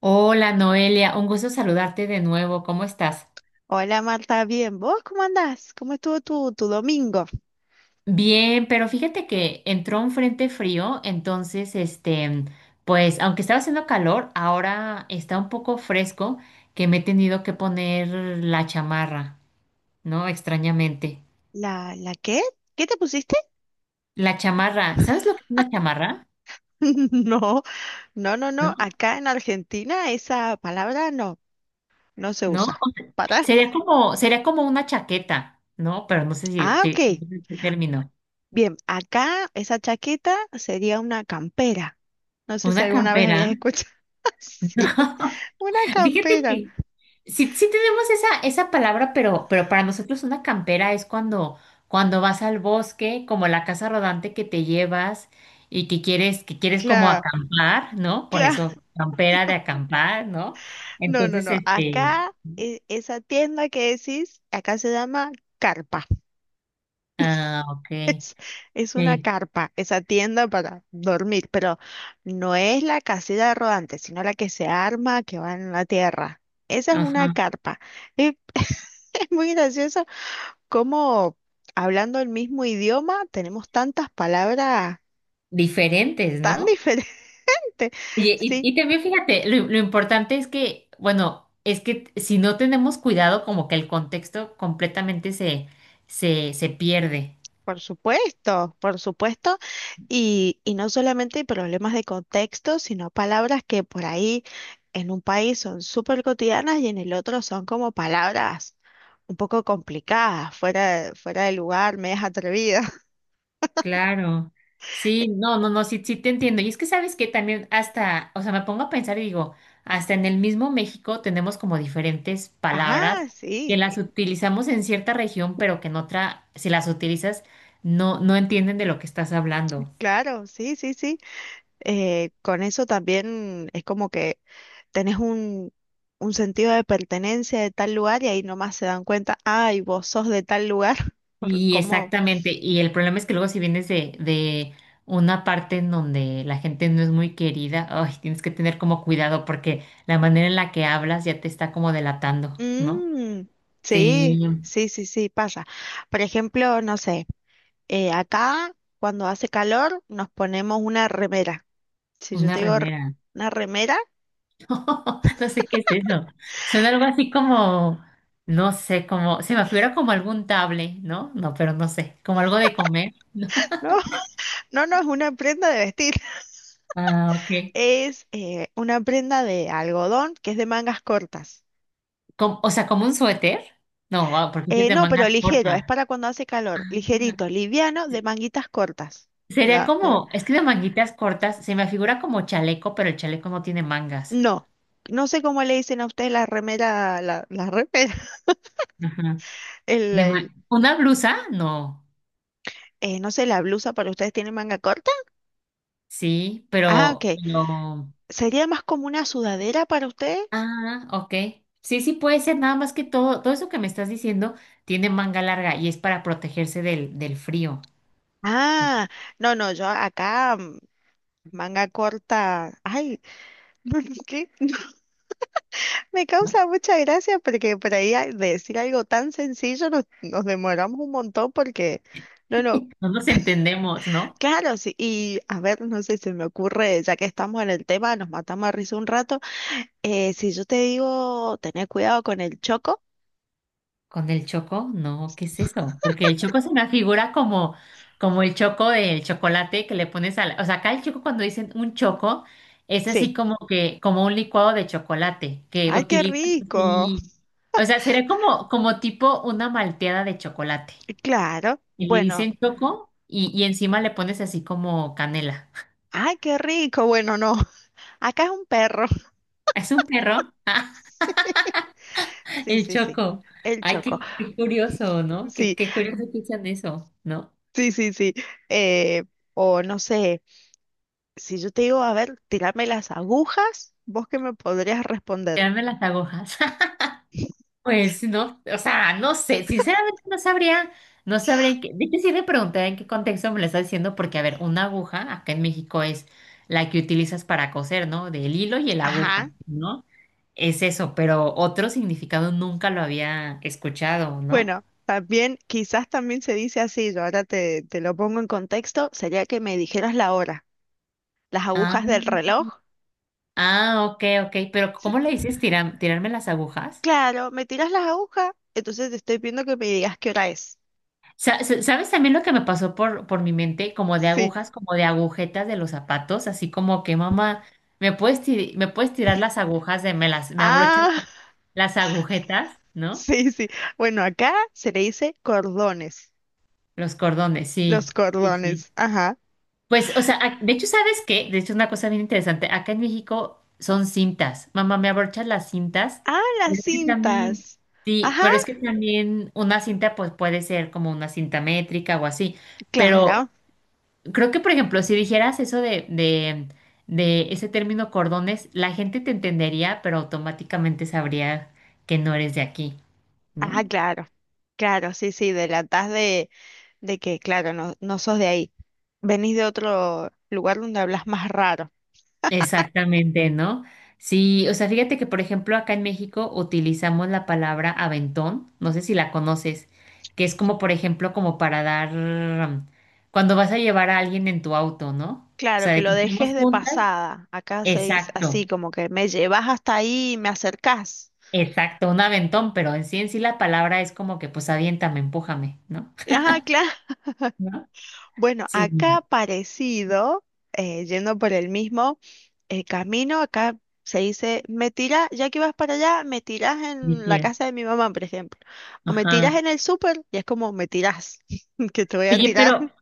Hola Noelia, un gusto saludarte de nuevo. ¿Cómo estás? Hola Marta, bien. ¿Vos cómo andás? ¿Cómo estuvo tu domingo? Bien, pero fíjate que entró un frente frío, entonces, pues, aunque estaba haciendo calor, ahora está un poco fresco que me he tenido que poner la chamarra, ¿no? Extrañamente. ¿La qué? ¿Qué te pusiste? La chamarra, ¿sabes lo que es una chamarra? No, no, no, no. ¿No? Acá en Argentina esa palabra no se ¿No? usa. ¿Para? Sería como una chaqueta, ¿no? Pero no sé si Ah, ok. te, el término. Bien, acá esa chaqueta sería una campera. No sé si Una alguna vez campera. habías escuchado. No. Sí, una Fíjate campera. que sí, sí tenemos esa palabra, pero para nosotros una campera es cuando vas al bosque, como la casa rodante que te llevas y que quieres como Claro. acampar, ¿no? Por eso campera de acampar, ¿no? No, no, Entonces, no. Acá, esa tienda que decís, acá se llama carpa. ah, ok, Es, es una sí, carpa, esa tienda para dormir, pero no es la casita rodante, sino la que se arma, que va en la tierra. Esa es una ajá, carpa. Y es muy gracioso cómo hablando el mismo idioma tenemos tantas palabras diferentes, tan ¿no? diferentes. Oye, y, Sí, y también fíjate, lo importante es que, bueno, es que si no tenemos cuidado, como que el contexto completamente se pierde. por supuesto, por supuesto. Y no solamente problemas de contexto, sino palabras que por ahí en un país son súper cotidianas y en el otro son como palabras un poco complicadas, fuera, fuera de lugar, medias atrevidas. Claro. Sí, no, sí, sí te entiendo. Y es que sabes que también hasta, o sea, me pongo a pensar y digo, hasta en el mismo México tenemos como diferentes Ajá, palabras que sí, las utilizamos en cierta región, pero que en otra, si las utilizas, no entienden de lo que estás hablando. claro, sí, sí, sí. Con eso también es como que tenés un sentido de pertenencia de tal lugar y ahí nomás se dan cuenta, ay, vos sos de tal lugar, por Y cómo... exactamente, y el problema es que luego si vienes de una parte en donde la gente no es muy querida, ay, tienes que tener como cuidado porque la manera en la que hablas ya te está como delatando, ¿no? Mm, sí, Sí, sí, sí, sí, pasa. Por ejemplo, no sé. Acá, cuando hace calor, nos ponemos una remera. Si yo una te digo remera. una remera, No sé qué es eso. Suena algo así como, no sé, como, se me figura como algún table, ¿no? No, pero no sé, como algo de comer. no, no, no es una prenda de vestir, Ah, ok. es una prenda de algodón que es de mangas cortas. Com- o sea, como un suéter. No, ah, porque es de No, pero manga ligero, es corta. para cuando hace calor, ah. ligerito, liviano, de manguitas cortas. Sería La, eh, como, es que de manguitas cortas, se me figura como chaleco, pero el chaleco no tiene mangas. no, no sé cómo le dicen a ustedes la remera, la remera, Ajá. el, De el- ma- ¿Una blusa? No. No sé, la blusa para ustedes tiene manga corta. Sí, Ah, ok. pero... ¿Sería más como una sudadera para ustedes? Ah, ok. Sí, sí puede ser, nada más que todo, todo eso que me estás diciendo tiene manga larga y es para protegerse del frío. Ah, no, no, yo acá manga corta. Ay, ¿por ¿qué? Me ¿No? causa mucha gracia porque por ahí decir algo tan sencillo nos demoramos un montón porque, no, no, No nos entendemos, ¿no? claro, sí. Y a ver, no sé, se me ocurre, ya que estamos en el tema, nos matamos a risa un rato. Si yo te digo, tener cuidado con el choco, ¿Con el choco? No, ¿qué es eso? Porque el choco es una figura como, como el choco del chocolate que le pones a la... O sea, acá el choco cuando dicen un choco es así sí. como que, como un licuado de chocolate que Ay, qué utilizas rico. así. O sea, sería como, como tipo una malteada de chocolate. Claro, Y le bueno, dicen choco y encima le pones así como canela. ay, qué rico. Bueno, no, acá es un perro. ¿Es un perro? Sí, el sí, sí. choco. El Ay, choco. qué curioso, ¿no? Qué, Sí, qué curioso que usan eso, ¿no? sí, sí, sí. Eh, o no sé, si yo te digo, a ver, tirarme las agujas, ¿vos qué me podrías responder? Tirarme las agujas. Pues no, o sea, no sé, sinceramente no sabría, no sabría en qué, de hecho sí me pregunté en qué contexto me lo está diciendo, porque a ver, una aguja acá en México es la que utilizas para coser, ¿no? Del hilo y la Ajá. aguja, ¿no? Es eso, pero otro significado nunca lo había escuchado, ¿no? Bueno, también, quizás también se dice así, yo ahora te lo pongo en contexto, sería que me dijeras la hora, las Ah, agujas del reloj. ah, ok, pero Sí, ¿cómo le dices tiram- tirarme las agujas? claro, me tiras las agujas, entonces te estoy pidiendo que me digas qué hora es. Sa- sa- ¿Sabes también lo que me pasó por mi mente? Como de Sí. agujas, como de agujetas de los zapatos, así como que mamá, ¿me puedes, ti- me puedes tirar las agujas de, me las, me abrochas Ah, las agujetas, ¿no? sí, sí. Bueno, acá se le dice cordones, Los cordones, los sí, sí, sí. cordones, ajá. Pues, o sea, ac- de hecho, ¿sabes qué? De hecho, es una cosa bien interesante. Acá en México son cintas. Mamá, ¿me abrochas las cintas? Ah, Pero las es que también, cintas. sí, Ajá, pero es que también una cinta, pues puede ser como una cinta métrica o así. Pero claro. creo que, por ejemplo, si dijeras eso de ese término cordones, la gente te entendería, pero automáticamente sabría que no eres de aquí, Ah, ¿no? claro. Claro, sí, sí, de que, claro, no, no sos de ahí. Venís de otro lugar donde hablas más raro. Exactamente, ¿no? Sí, o sea, fíjate que, por ejemplo, acá en México utilizamos la palabra aventón, no sé si la conoces, que es como, por ejemplo, como para dar, cuando vas a llevar a alguien en tu auto, ¿no? O Claro, sea, que de lo que estamos dejes de juntas. pasada. Acá se dice así, Exacto. como que me llevas hasta ahí y me acercás. Exacto, un aventón, pero en sí la palabra es como que pues aviéntame, empújame, ¿no? Ajá, claro. ¿no? Bueno, Sí, acá parecido, yendo por el mismo. El camino acá se dice, me tiras, ya que vas para allá, me tiras mi en la tía. casa de mi mamá, por ejemplo. O me tiras Ajá. en el súper, y es como, me tiras, que te voy a Oye, tirar.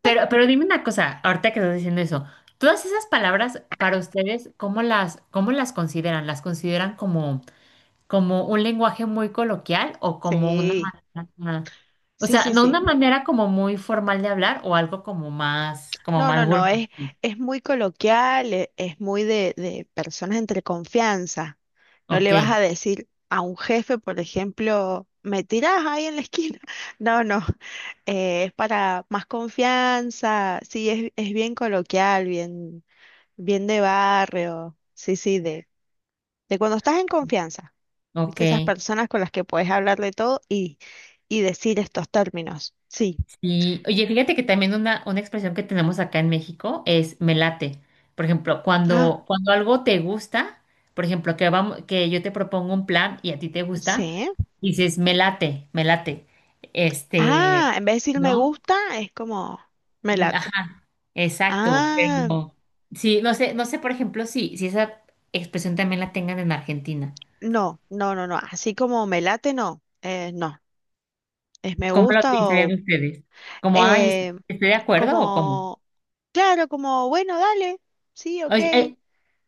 pero dime una cosa, ahorita que estás diciendo eso, todas esas palabras para ustedes, cómo las consideran? ¿Las consideran como, como un lenguaje muy coloquial o como una Sí, manera, o sí, sea, sí, no sí. una manera como muy formal de hablar o algo como No, no, más no, vulgar? Es muy coloquial, es, muy de personas entre confianza. No Ok, le vas a decir a un jefe, por ejemplo, me tirás ahí en la esquina. No, no, es para más confianza, sí, es bien coloquial, bien... Bien de barrio, sí, sí, de cuando estás en confianza, ok. viste esas personas con las que puedes hablar de todo y decir estos términos. Sí, Y oye, fíjate que también una expresión que tenemos acá en México es me late. Por ejemplo, ah, cuando algo te gusta, por ejemplo, que vamos, que yo te propongo un plan y a ti te gusta, sí. dices me late, me late. Este, Ah, en vez de decir me ¿No? gusta, es como me Mm, late. ajá, exacto. Ah, Pero sí, no sé, no sé, por ejemplo, si, si esa expresión también la tengan en Argentina. no, no, no, no, así como me late, no, no, es me ¿Cómo la gusta utilizarían o ustedes? ¿Como, ay, est- eh, estoy de acuerdo o cómo? como, claro, como bueno, dale, sí, ok. Oye,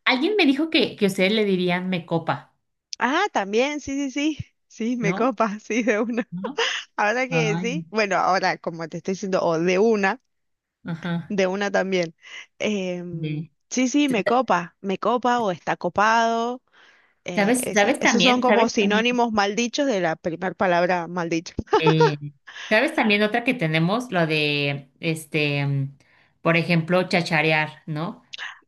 alguien me dijo que ustedes le dirían me copa, Ah, también, sí, sí, sí, sí, me ¿no? copa, sí, de una. ¿no? Ahora que Ay, sí, bueno, ahora como te estoy diciendo, o ajá. de una también. De- Sí, sí, me copa o está copado. ¿Sabes, sabes Esos son también, como sabes también, sinónimos mal dichos de la primera palabra mal dicha. eh, sabes también otra que tenemos, lo de, por ejemplo, chacharear, ¿no?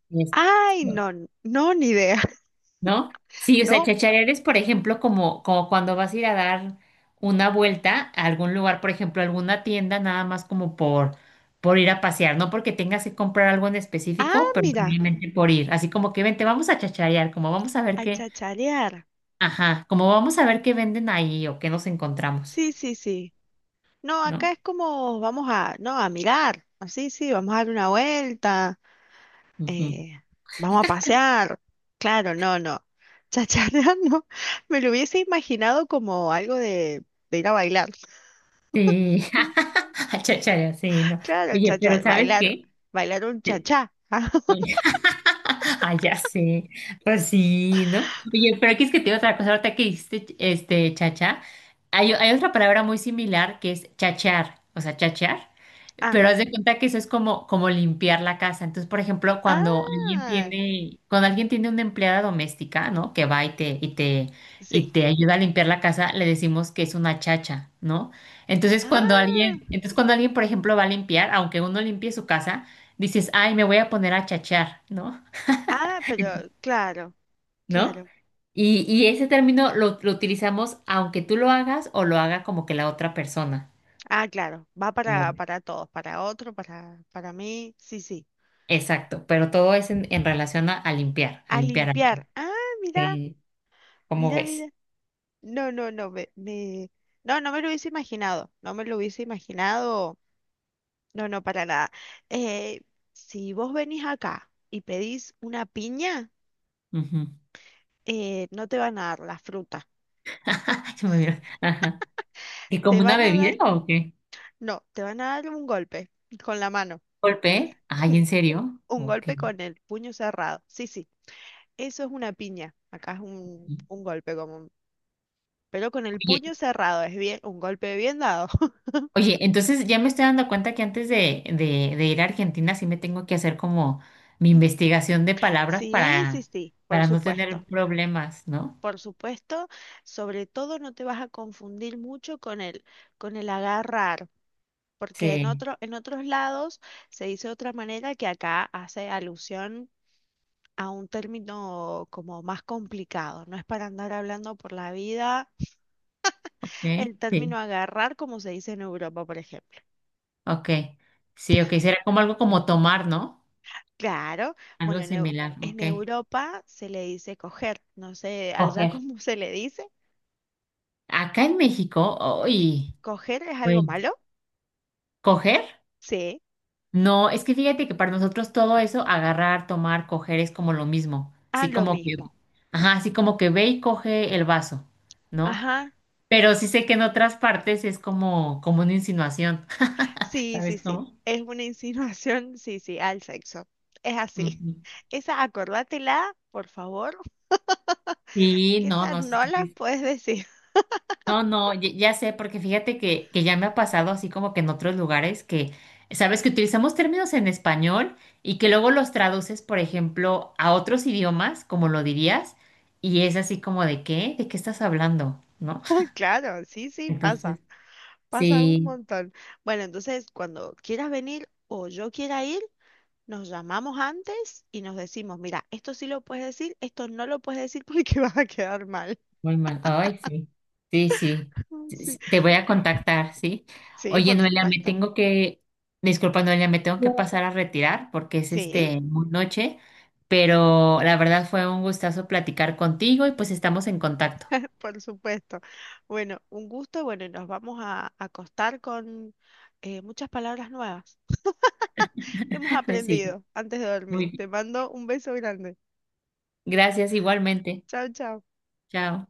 Es- Ay, no, no, ni idea, ¿no? Sí, o sea, ¿no? chacharear es, por ejemplo, como, como cuando vas a ir a dar una vuelta a algún lugar, por ejemplo, alguna tienda, nada más como por ir a pasear, no porque tengas que comprar algo en Ah, específico, pero mira, simplemente por ir, así como que vente, vamos a chacharear, como vamos a ver a qué, chacharear. ajá, como vamos a ver qué venden ahí o qué nos encontramos, Sí, sí, sí. No, acá ¿no? es como vamos a, no, a mirar. Así, sí, vamos a dar una vuelta. Ujú. eh, Vamos a pasear. Claro, no, no. Chacharra no. Me lo hubiese imaginado como algo de ir a bailar. Sí, a chacharear, sí, no. Claro, Oye, pero chachar, ¿sabes bailar, qué? bailar un chachá. Ah, ya sé. Pues sí, ¿no? Oye, pero aquí es que te digo otra cosa, ahorita que dijiste este chacha, hay otra palabra muy similar que es chachear, o sea, chachear, Ah, pero haz de cuenta que eso es como, como limpiar la casa. Entonces, por ejemplo, ah, cuando alguien tiene una empleada doméstica, ¿no? Que va y sí. te ayuda a limpiar la casa, le decimos que es una chacha, ¿no? Ah, Entonces cuando alguien, por ejemplo, va a limpiar, aunque uno limpie su casa, dices, ay, me voy a poner a chachear, ¿no? ah, pero claro, ¿no? claro. Y ese término lo utilizamos aunque tú lo hagas o lo haga como que la otra persona. Ah, claro. Va Como, para todos, para otro, para mí. Sí, sí. exacto, pero todo es en relación a A limpiar algo. limpiar. Ah, mira, Sí, ¿cómo mira, mira. ves? No, no, no, no, no me lo hubiese imaginado. No me lo hubiese imaginado. No, no, para nada. Eh, si vos venís acá y pedís una piña, Ujú. No te van a dar la fruta. Se me vino. Ajá. ¿Y como Te una van a dar, bebida o qué? no, te van a dar un golpe con la mano, ¿Golpe? Ay, ¿en un, serio? un Ok. golpe con el puño cerrado. Sí, sí, eso es una piña. Acá es un golpe común, pero con el Oye, puño cerrado, es bien, un golpe bien dado. oye, entonces ya me estoy dando cuenta que antes de ir a Argentina sí me tengo que hacer como mi investigación de palabras Sí, sí, sí, por para no supuesto. tener problemas, ¿no? Por supuesto, sobre todo no te vas a confundir mucho con con el agarrar. Porque Sí. En otros lados se dice de otra manera que acá hace alusión a un término como más complicado, no es para andar hablando por la vida Sí, el término sí, agarrar como se dice en Europa, por ejemplo. ok. Sí, ok, será como algo como tomar, ¿no? Claro, bueno, Algo similar, en ok. Europa se le dice coger, no sé, allá Coger. cómo se le dice. Acá en México, Sí. uy, ¿Coger es algo bueno, malo? ¿coger? Sí. No, es que fíjate que para nosotros todo eso, agarrar, tomar, coger es como lo mismo. Ah, Así lo como que, mismo. ajá, así como que ve y coge el vaso, ¿no? Ajá. Pero sí sé que en otras partes es como, como una insinuación, Sí, ¿sabes sí, sí. cómo? Es una insinuación, sí, sí, al sexo. Es así. Ujú. Esa, acordátela, por favor, Sí, que no, esa no sé. no la puedes decir. No, no, ya, ya sé, porque fíjate que ya me ha pasado así como que en otros lugares que, sabes, que utilizamos términos en español y que luego los traduces, por ejemplo, a otros idiomas, como lo dirías, y es así como ¿de qué estás hablando? ¿No? Claro, sí, sí, pasa. Entonces, Pasa un sí. montón. Bueno, entonces, cuando quieras venir o yo quiera ir, nos llamamos antes y nos decimos, mira, esto sí lo puedes decir, esto no lo puedes decir porque vas a quedar mal. Muy mal. Ay, sí. Sí, sí. Sí, Sí, sí. Te voy a contactar, ¿sí? sí, Oye, por Noelia, me supuesto. tengo que, disculpa, Noelia, me tengo que pasar a retirar porque es Sí, muy noche, pero la verdad fue un gustazo platicar contigo y pues estamos en contacto. por supuesto. Bueno, un gusto. Bueno, y nos vamos a acostar con muchas palabras nuevas. Hemos Sí, aprendido antes de muy dormir. bien. Te mando un beso grande. Gracias igualmente. Chao, chao. Chao.